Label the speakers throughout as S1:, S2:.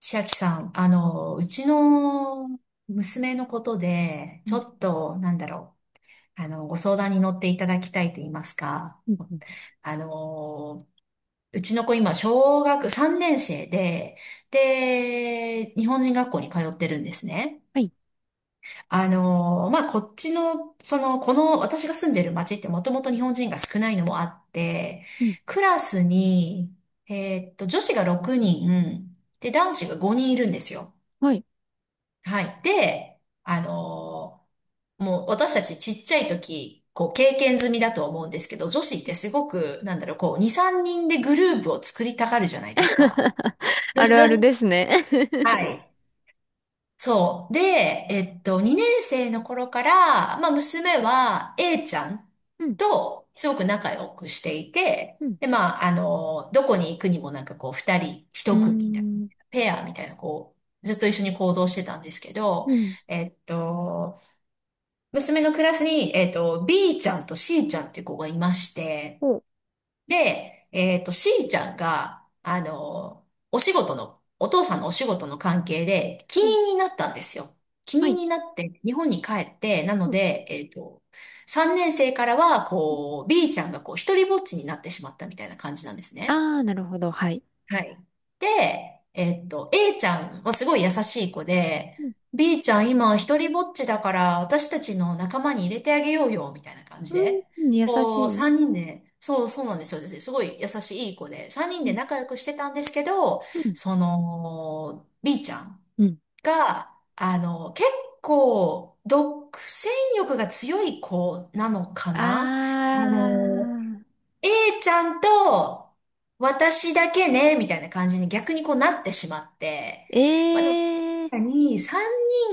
S1: 千秋さん、うちの娘のことで、
S2: う
S1: ち
S2: ん、
S1: ょっと、ご相談に乗っていただきたいと言いますか、
S2: うん、うん。
S1: あの、うちの子今、小学3年生で、日本人学校に通ってるんですね。
S2: はい。
S1: あの、まあ、こっちの、その、この、私が住んでる町ってもともと日本人が少ないのもあって、
S2: うん、
S1: クラスに、女子が6人、で、男子が5人いるんですよ。
S2: はい。
S1: はい。で、もう私たちちっちゃい時、こう経験済みだと思うんですけど、女子ってすごく、2、3人でグループを作りたがるじゃないですか。
S2: あるあるですね。
S1: は い。そう。で、2年生の頃から、娘は A ちゃん
S2: うん、
S1: とすごく仲良くしていて、
S2: うん、
S1: で、どこに行くにもなんかこう、2人
S2: うー
S1: 1組みたいな、
S2: ん、
S1: ペアみたいな、ずっと一緒に行動してたんですけど、
S2: うん。
S1: えっと、娘のクラスに、B ちゃんと C ちゃんっていう子がいまして、
S2: お、
S1: で、C ちゃんが、お父さんのお仕事の関係で、帰
S2: うん、
S1: 任になったんですよ。帰
S2: は
S1: 任
S2: い。
S1: になって、日本に帰って、なの
S2: うん、
S1: で、3年生からは、
S2: うん。
S1: B ちゃんがこう、一人ぼっちになってしまったみたいな感じなんですね。
S2: ああー、なるほど。はい。
S1: はい。で、A ちゃんはすごい優しい子で、
S2: うん、
S1: B ちゃん今一人ぼっちだから私たちの仲間に入れてあげようよ、みたいな感じ
S2: う
S1: で。
S2: ん、優し
S1: こう、
S2: い。
S1: 三人で、そうそうなんですよ。すごい優しいいい子で、三人
S2: う
S1: で
S2: ん、
S1: 仲良くしてたんですけど、
S2: うん、
S1: B ちゃん
S2: うん。
S1: が、結構、独占欲が強い子なのか
S2: あ
S1: な。あの
S2: あ、
S1: A ちゃんと私だけね、みたいな感じに逆にこうなってしまって。まあで
S2: え
S1: も、確
S2: え
S1: か
S2: ー、
S1: に3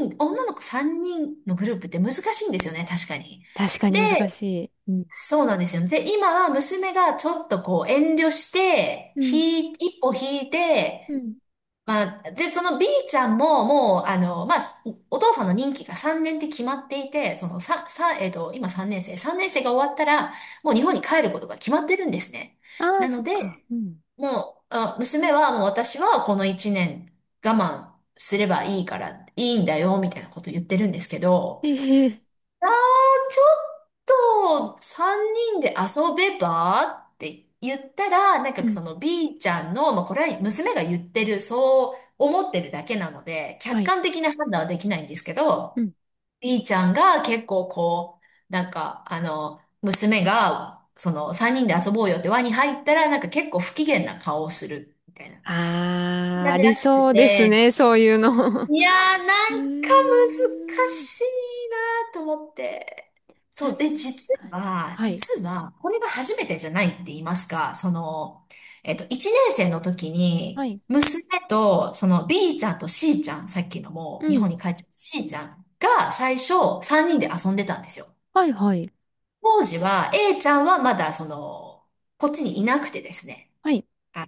S1: 人、女の子3人のグループって難しいんですよね、確かに。
S2: 確かに
S1: で、
S2: 難しい。うん、
S1: そうなんですよ。で、今は娘がちょっとこう遠慮して、
S2: うん、
S1: 一歩引い
S2: う
S1: て、
S2: ん。
S1: で、その B ちゃんも、もう、あの、まあ、お父さんの任期が3年って決まっていて、その、さ、さ、えっと、今3年生、3年生が終わったら、もう日本に帰ることが決まってるんですね。
S2: ああ、
S1: な
S2: そ
S1: の
S2: っか。
S1: で、
S2: うん。
S1: もう、あ、娘は、もう私はこの1年我慢すればいいから、いいんだよ、みたいなこと言ってるんですけど、
S2: ええ
S1: ちょっと3人で遊べばって言ったら、なん
S2: う
S1: か
S2: ん、
S1: その B ちゃんの、まあこれは娘が言ってる、そう思ってるだけなので、
S2: は
S1: 客
S2: い。
S1: 観的な判断はできないんですけ
S2: う
S1: ど、
S2: ん。
S1: B ちゃんが結構こう、娘が、その3人で遊ぼうよって輪に入ったら、なんか結構不機嫌な顔をするみたいな
S2: ああ、
S1: 感
S2: あ
S1: じ
S2: り
S1: らし
S2: そ
S1: く
S2: うです
S1: て、
S2: ね。そういうの。う
S1: いやー、なんか難
S2: ーん、
S1: しいなと思って。そ
S2: 確
S1: う。で、実
S2: かに。
S1: は、
S2: はい。
S1: 実は、これが初めてじゃないって言いますか、1年生の時
S2: は
S1: に、
S2: い。
S1: 娘と、その B ちゃんと C ちゃん、さっきのも
S2: う
S1: う日本
S2: ん。
S1: に帰っちゃった C ちゃんが最初3人で遊んでたんですよ。
S2: はいはい。
S1: 当時は A ちゃんはまだこっちにいなくてですね。
S2: はい。
S1: あ、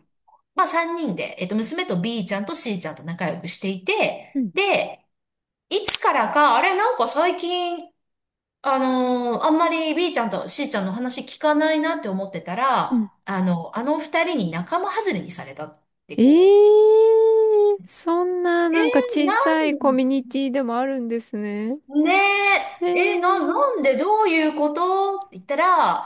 S1: まあ3人で、娘と B ちゃんと C ちゃんと仲良くしてい
S2: う
S1: て、
S2: ん。
S1: で、いつからか、あれ、なんか最近、あんまり B ちゃんと C ちゃんの話聞かないなって思ってた
S2: う
S1: ら、
S2: ん。
S1: 二人に仲間外れにされたって
S2: え
S1: こ
S2: えー、そん
S1: う。
S2: ななんか
S1: えー、
S2: 小
S1: な
S2: さいコミュニティでもあるんですね。
S1: ん、ね
S2: え
S1: え、えー、な、
S2: ー
S1: なんでどういうことって言った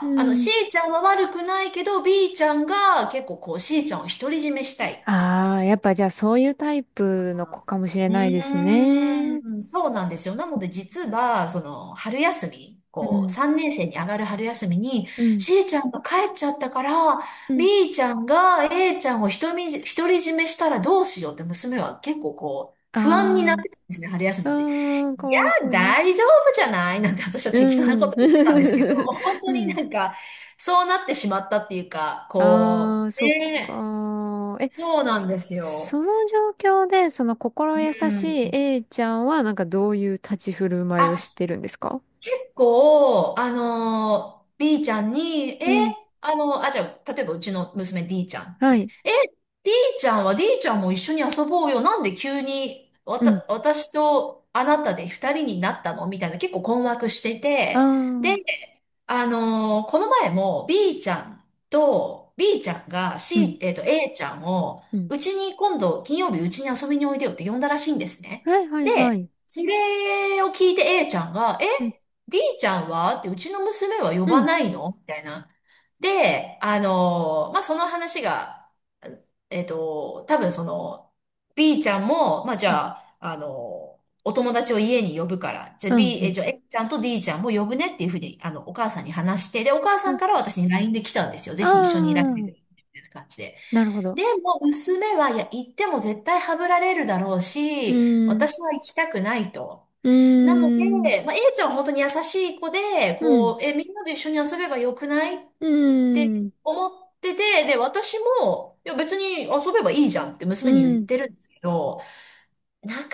S2: う
S1: C
S2: ん。
S1: ちゃんは悪くないけど、B ちゃんが結構こう C ちゃんを独り占めしたい。
S2: ああ、やっぱじゃあそういうタイプの子かもしれ
S1: う
S2: ないですね。
S1: ーん、そうなんですよ。なので実は、春休み、
S2: う
S1: こう、
S2: ん。
S1: 3年生に上がる春休みに、
S2: うん。
S1: C ちゃんが帰っちゃったから、
S2: うん。
S1: B ちゃんが A ちゃんを独り占めしたらどうしようって娘は結構こう、不安になっ
S2: ああ。
S1: てたんですね、春休み
S2: う
S1: の時。い
S2: ーん、かわいそ
S1: や、
S2: うに。
S1: 大丈夫じゃないなんて私は
S2: う
S1: 適当なこ
S2: ん。
S1: と言ってたんですけど、本
S2: う
S1: 当に
S2: ん。
S1: なんか、そうなってしまったっていうか、
S2: あ
S1: こ
S2: あ、
S1: う、
S2: そっ
S1: ねえ、
S2: か。え、
S1: そうなんですよ。
S2: その状況で、その心優
S1: う
S2: しい
S1: ん。
S2: A ちゃんは、なんかどういう立ち振る舞いをし
S1: あ
S2: てるんですか？
S1: 結構、B ちゃんに、え、
S2: うん。
S1: あの、あ、じゃあ、例えばうちの娘 D ちゃんっ
S2: は
S1: て言って、
S2: い。
S1: え、D ちゃんは D ちゃんも一緒に遊ぼうよ。なんで急に、
S2: うん。
S1: 私とあなたで二人になったのみたいな結構困惑して
S2: あ
S1: て、で、
S2: あ。
S1: この前も B ちゃんが
S2: うん。
S1: C、A ちゃんを、
S2: うん。
S1: うちに今度金曜日うちに遊びにおいでよって呼んだらしいんですね。
S2: はいはいは
S1: で、
S2: い。
S1: それを聞いて A ちゃんが、
S2: うん。
S1: D ちゃんはって、うちの娘は呼
S2: う
S1: ば
S2: ん。
S1: ないのみたいな。で、その話が、えっと、多分その、B ちゃんも、まあ、じ
S2: うん。
S1: ゃあ、あのーお友達を家に呼ぶから、
S2: うん。うん。
S1: じゃあ A ちゃんと D ちゃんも呼ぶねっていうふうに、お母さんに話して、で、お母
S2: う
S1: さん
S2: ん。
S1: から私に LINE で来たんですよ。ぜ
S2: あ
S1: ひ一緒にいらしてくれ、
S2: あ。
S1: みたいな感じで。
S2: なるほど。
S1: でも、娘は、いや、行っても絶対はぶられるだろう
S2: う
S1: し、
S2: ーん。
S1: 私は行きたくないと。
S2: うー
S1: なの
S2: ん。
S1: で、A ちゃんは本当に優しい子で、
S2: うん。
S1: みんなで一緒に遊べばよくないっ
S2: うー
S1: て
S2: ん。
S1: 思ってて、で、私も、いや、別に遊べばいいじゃんって
S2: う
S1: 娘に言っ
S2: ん。
S1: てるんですけど、なかな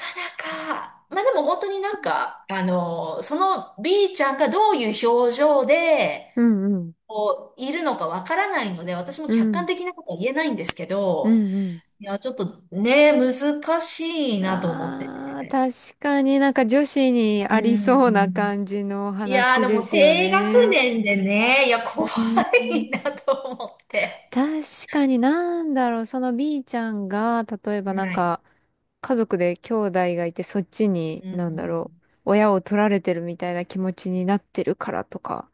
S1: か、でも本当になん
S2: は
S1: か、その B ちゃんがどういう表情で、
S2: うんうん。
S1: いるのかわからないので、私も
S2: う
S1: 客観
S2: ん。
S1: 的なことは言えないんですけ
S2: う
S1: ど、
S2: んうん。
S1: いや、ちょっとね、難しいなと思って
S2: ああ、
S1: て。
S2: 確かになんか女子にあ
S1: う
S2: りそうな
S1: ん。
S2: 感じの
S1: いやー、
S2: 話
S1: で
S2: で
S1: も
S2: すよ
S1: 低学
S2: ね。
S1: 年でね、いや、
S2: う
S1: 怖
S2: ん。
S1: いなと思って。
S2: 確かになんだろう、その B ちゃんが、例えばなん
S1: はい。
S2: か、家族で兄弟がいて、そっちに、
S1: うん、う
S2: なんだ
S1: ん、う
S2: ろ
S1: ん、
S2: う、親を取られてるみたいな気持ちになってるからとか、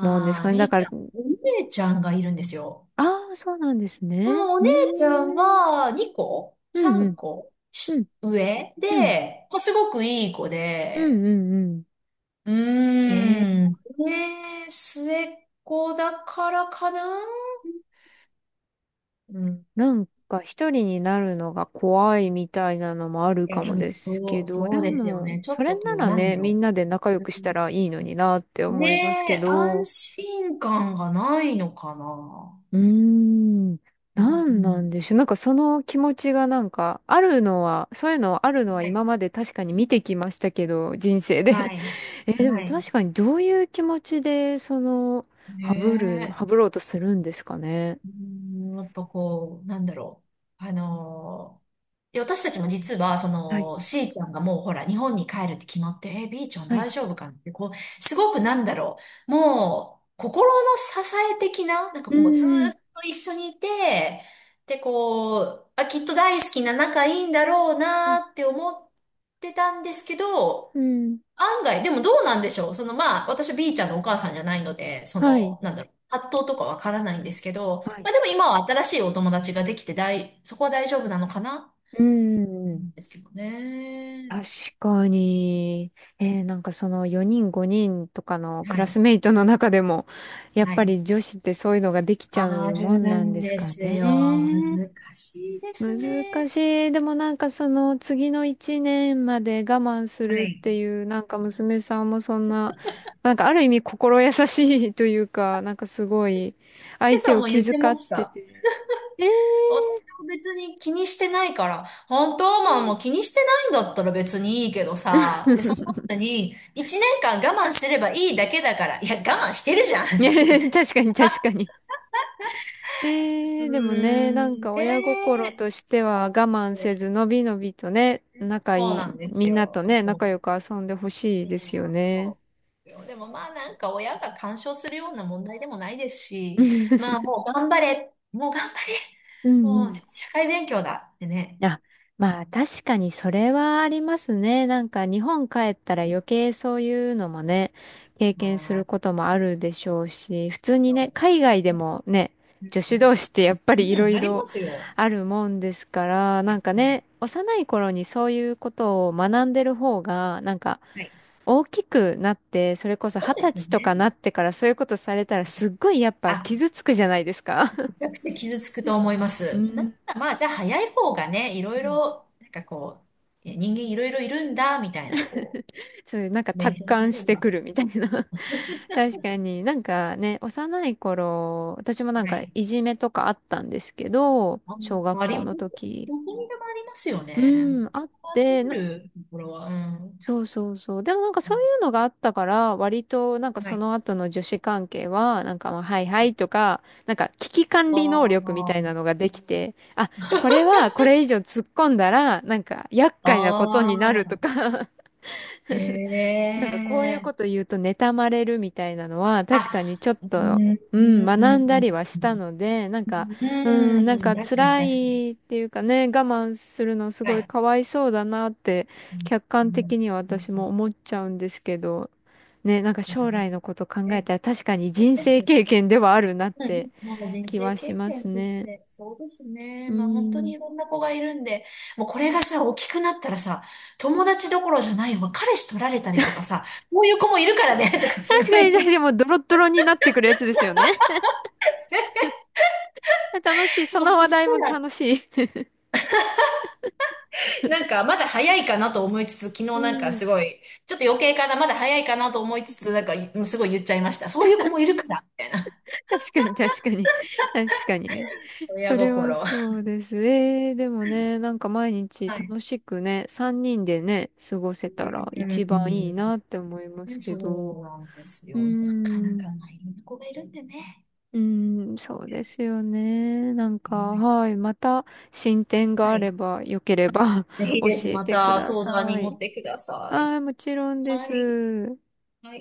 S2: なんです
S1: ー、
S2: かね。だ
S1: B
S2: か
S1: ち
S2: ら、
S1: ゃん。お姉ちゃんがいるんですよ。
S2: ああ、そうなんです
S1: もう
S2: ね。
S1: お
S2: う
S1: 姉ちゃん
S2: ーん。
S1: は2個、
S2: うんう
S1: 3
S2: ん。
S1: 個
S2: う
S1: し
S2: ん
S1: 上
S2: うん。
S1: で、まあ、すごくいい子
S2: うん
S1: で、
S2: うんう
S1: うー
S2: ん。
S1: ん。ねえ、末っ子だからかな。うん。
S2: なんか一人になるのが怖いみたいなのもある
S1: いや、
S2: か
S1: 多
S2: も
S1: 分
S2: です
S1: そ
S2: け
S1: う、
S2: ど、
S1: そ
S2: で
S1: うですよ
S2: も、
S1: ね。ちょ
S2: そ
S1: っ
S2: れ
S1: と
S2: な
S1: こう、
S2: ら
S1: なん
S2: ね、
S1: だ
S2: みん
S1: ろ
S2: なで仲良
S1: う。う
S2: くした
S1: ん。
S2: らいいのになって思います
S1: ね
S2: け
S1: え、安
S2: ど。
S1: 心感がないのかな。
S2: うーん、
S1: う
S2: なんなん
S1: ん。
S2: でしょう。なんかその気持ちがなんか、あるのは、そういうのあるのは
S1: は
S2: 今
S1: い。
S2: まで確かに見てきましたけど、人生
S1: は
S2: で。
S1: い。
S2: え、でも
S1: はい。
S2: 確かにどういう気持ちで、その、ハブる、
S1: ねえ。
S2: ハブろうとするんですかね。
S1: うん、やっぱこう、なんだろう。あのーで、私たちも実は、
S2: はい。
S1: C ちゃんがもうほら、日本に帰るって決まって、B ちゃん
S2: は
S1: 大
S2: い。
S1: 丈夫かなって、こう、すごくなんだろう、もう、心の支え的な、
S2: う
S1: もうずー
S2: ーん。
S1: っと一緒にいて、で、きっと大好きな仲いいんだろうなーって思ってたんですけど、
S2: うん。
S1: 案外、でもどうなんでしょう。私 B ちゃんのお母さんじゃないので、
S2: はい。
S1: 葛藤とかわからないんですけど、
S2: は
S1: ま
S2: い
S1: あでも今は新しいお友達ができてそこは大丈夫なのかな
S2: う
S1: な
S2: ん。
S1: んですけどね。
S2: 確かに。なんかその4人5人とかのク
S1: は
S2: ラス
S1: い。
S2: メイトの中でも、やっ
S1: は
S2: ぱ
S1: い。
S2: り女子ってそういうのができちゃ
S1: あ
S2: うも
S1: る
S2: んなん
S1: ん
S2: です
S1: で
S2: か
S1: すよ。難
S2: ね。
S1: しいです
S2: 難
S1: ね。
S2: しい。でもなんかその次の1年まで我慢す
S1: は
S2: るっ
S1: い。
S2: ていう、なんか娘さんもそんな、なんかある意味心優しいというか、なんかすごい
S1: で
S2: 相手
S1: さん
S2: を
S1: も言
S2: 気
S1: って
S2: 遣
S1: ま
S2: っ
S1: し
S2: て
S1: た。
S2: て。えー
S1: 私は別に気にしてないから、本当まあもう気にしてないんだったら別にいいけどさ、で、その 後に、一年間我慢すればいいだけだから、いや、我慢してるじゃんって
S2: ね、
S1: ね。
S2: 確かに確か に。
S1: う
S2: でもね、
S1: ー
S2: なん
S1: ん、
S2: か親心
S1: ね
S2: としては我慢せず、
S1: え、
S2: のびのびとね、仲
S1: そう
S2: いい、
S1: なんです
S2: みんなと
S1: よ。
S2: ね、
S1: そ
S2: 仲良
S1: う。
S2: く遊んでほしいですよ
S1: うん、そ
S2: ね。
S1: うですよ。でもまあなんか親が干渉するような問題でもないですし、まあもう頑張れ、もう頑張れ、
S2: うんう
S1: もう
S2: ん
S1: 社会勉強だってね。
S2: あ、まあ確かにそれはありますね。なんか日本帰ったら余計そういうのもね、経
S1: あ
S2: 験するこ
S1: あ、
S2: ともあるでしょうし、普通に
S1: そ
S2: ね、
S1: う
S2: 海外でもね、
S1: で
S2: 女
S1: す
S2: 子
S1: ね。
S2: 同士ってやっぱ
S1: う
S2: り
S1: ん、
S2: いろ
S1: うん
S2: い
S1: ありま
S2: ろ
S1: すよ。
S2: あるもんですから、
S1: は
S2: なんか
S1: い。
S2: ね、幼い頃にそういうことを学んでる方が、なんか
S1: はい。
S2: 大きくなって、それこそ二
S1: そうで
S2: 十
S1: す
S2: 歳と
S1: ね。
S2: かなってからそういうことされたらすっごいやっぱ
S1: あ、
S2: 傷つくじゃないですか。
S1: めちゃくちゃ傷つくと思いま
S2: う
S1: す。だか
S2: ん。
S1: らまあじゃあ早い方がね、いろいろ、人間いろいろいるんだ、みたいな、
S2: そういう、なんか
S1: 勉
S2: 達
S1: 強にな
S2: 観し
S1: れ
S2: て
S1: ば。
S2: くるみたいな。確かになんかね、幼い頃、私もなん
S1: は
S2: か
S1: い。
S2: いじめとかあったんですけど、
S1: あ、
S2: 小学
S1: あり、
S2: 校
S1: どこ
S2: の時。
S1: どこにでもありますよ
S2: う
S1: ね。
S2: ん、あっ
S1: 集
S2: て、
S1: め
S2: な
S1: るところは、うん。
S2: そうそうそう。でもなんかそういうのがあったから、割となんか
S1: は
S2: そ
S1: い。
S2: の後の女子関係は、なんかまあ、はい
S1: は
S2: は
S1: い。
S2: いとか、なんか危機管理能力みた
S1: あ
S2: いなのができて、あ、これはこれ以上突っ込んだら、なんか厄
S1: あ、
S2: 介なこと
S1: あ
S2: になると
S1: あ、
S2: か、
S1: へ
S2: なんかこういう
S1: え。
S2: こと言うと妬まれるみたいなのは
S1: あ、
S2: 確かにちょっ
S1: う
S2: と、
S1: ん、
S2: う
S1: う
S2: ん、
S1: ん、
S2: 学
S1: う
S2: んだ
S1: ん、
S2: りはし
S1: う
S2: たので、なんか、
S1: ん、
S2: うん、なん
S1: うん
S2: か
S1: 確かに
S2: 辛
S1: 確かに。
S2: いっていうかね、我慢するのす
S1: は
S2: ごい
S1: い。
S2: かわいそうだなって
S1: うん、
S2: 客観
S1: うん、
S2: 的には私も思っちゃうんですけど、ね、なんか
S1: なる
S2: 将来のこと
S1: ほ
S2: 考
S1: ど
S2: え
S1: ね。
S2: たら確か
S1: そ
S2: に
S1: う
S2: 人
S1: です
S2: 生経
S1: ね。
S2: 験ではあるなっ
S1: はい。
S2: て
S1: もう人
S2: 気
S1: 生
S2: はし
S1: 経
S2: ます
S1: 験とし
S2: ね。
S1: て、そうですね。
S2: う
S1: まあ本当に
S2: ん。
S1: いろんな子がいるんで、もうこれがさ、大きくなったらさ、友達どころじゃないわ。彼氏取られたりとかさ、こういう子もいるからね、とかす
S2: 確
S1: ごい
S2: かに、
S1: ね。
S2: でもうドロッドロになってくるやつですよね。楽しい。そ
S1: もう
S2: の
S1: そ
S2: 話
S1: し
S2: 題
S1: た
S2: も
S1: ら、
S2: 楽しい。
S1: なんかまだ早いかなと思いつつ、昨日
S2: う
S1: なんかす
S2: ん。
S1: ごい、ちょっと余計かな、まだ早いかなと思いつつ、なんかもうすごい言っちゃいました。そういう子もいるから、みたいな。
S2: 確かに、確かに。確かにね。
S1: 親
S2: それ
S1: 心。
S2: は
S1: は
S2: そうです。でもね、なんか毎日
S1: い。
S2: 楽しくね、3人でね、過ごせ
S1: う
S2: たら一番いいなって思いま
S1: ん、
S2: すけ
S1: そ
S2: ど。う
S1: うなんです
S2: ー
S1: よ。なかなか
S2: ん、
S1: まあいろんな子がいるんでね。
S2: うーん、そうですよね。なん
S1: う
S2: か、
S1: ん、
S2: はい、また進展が
S1: は
S2: あれ
S1: い。
S2: ば、よければ
S1: ぜ ひ
S2: 教
S1: ぜひ
S2: え
S1: ま
S2: てく
S1: た
S2: だ
S1: 相談
S2: さ
S1: に乗っ
S2: い。
S1: てください。
S2: ああ、もちろんで
S1: はい。
S2: す。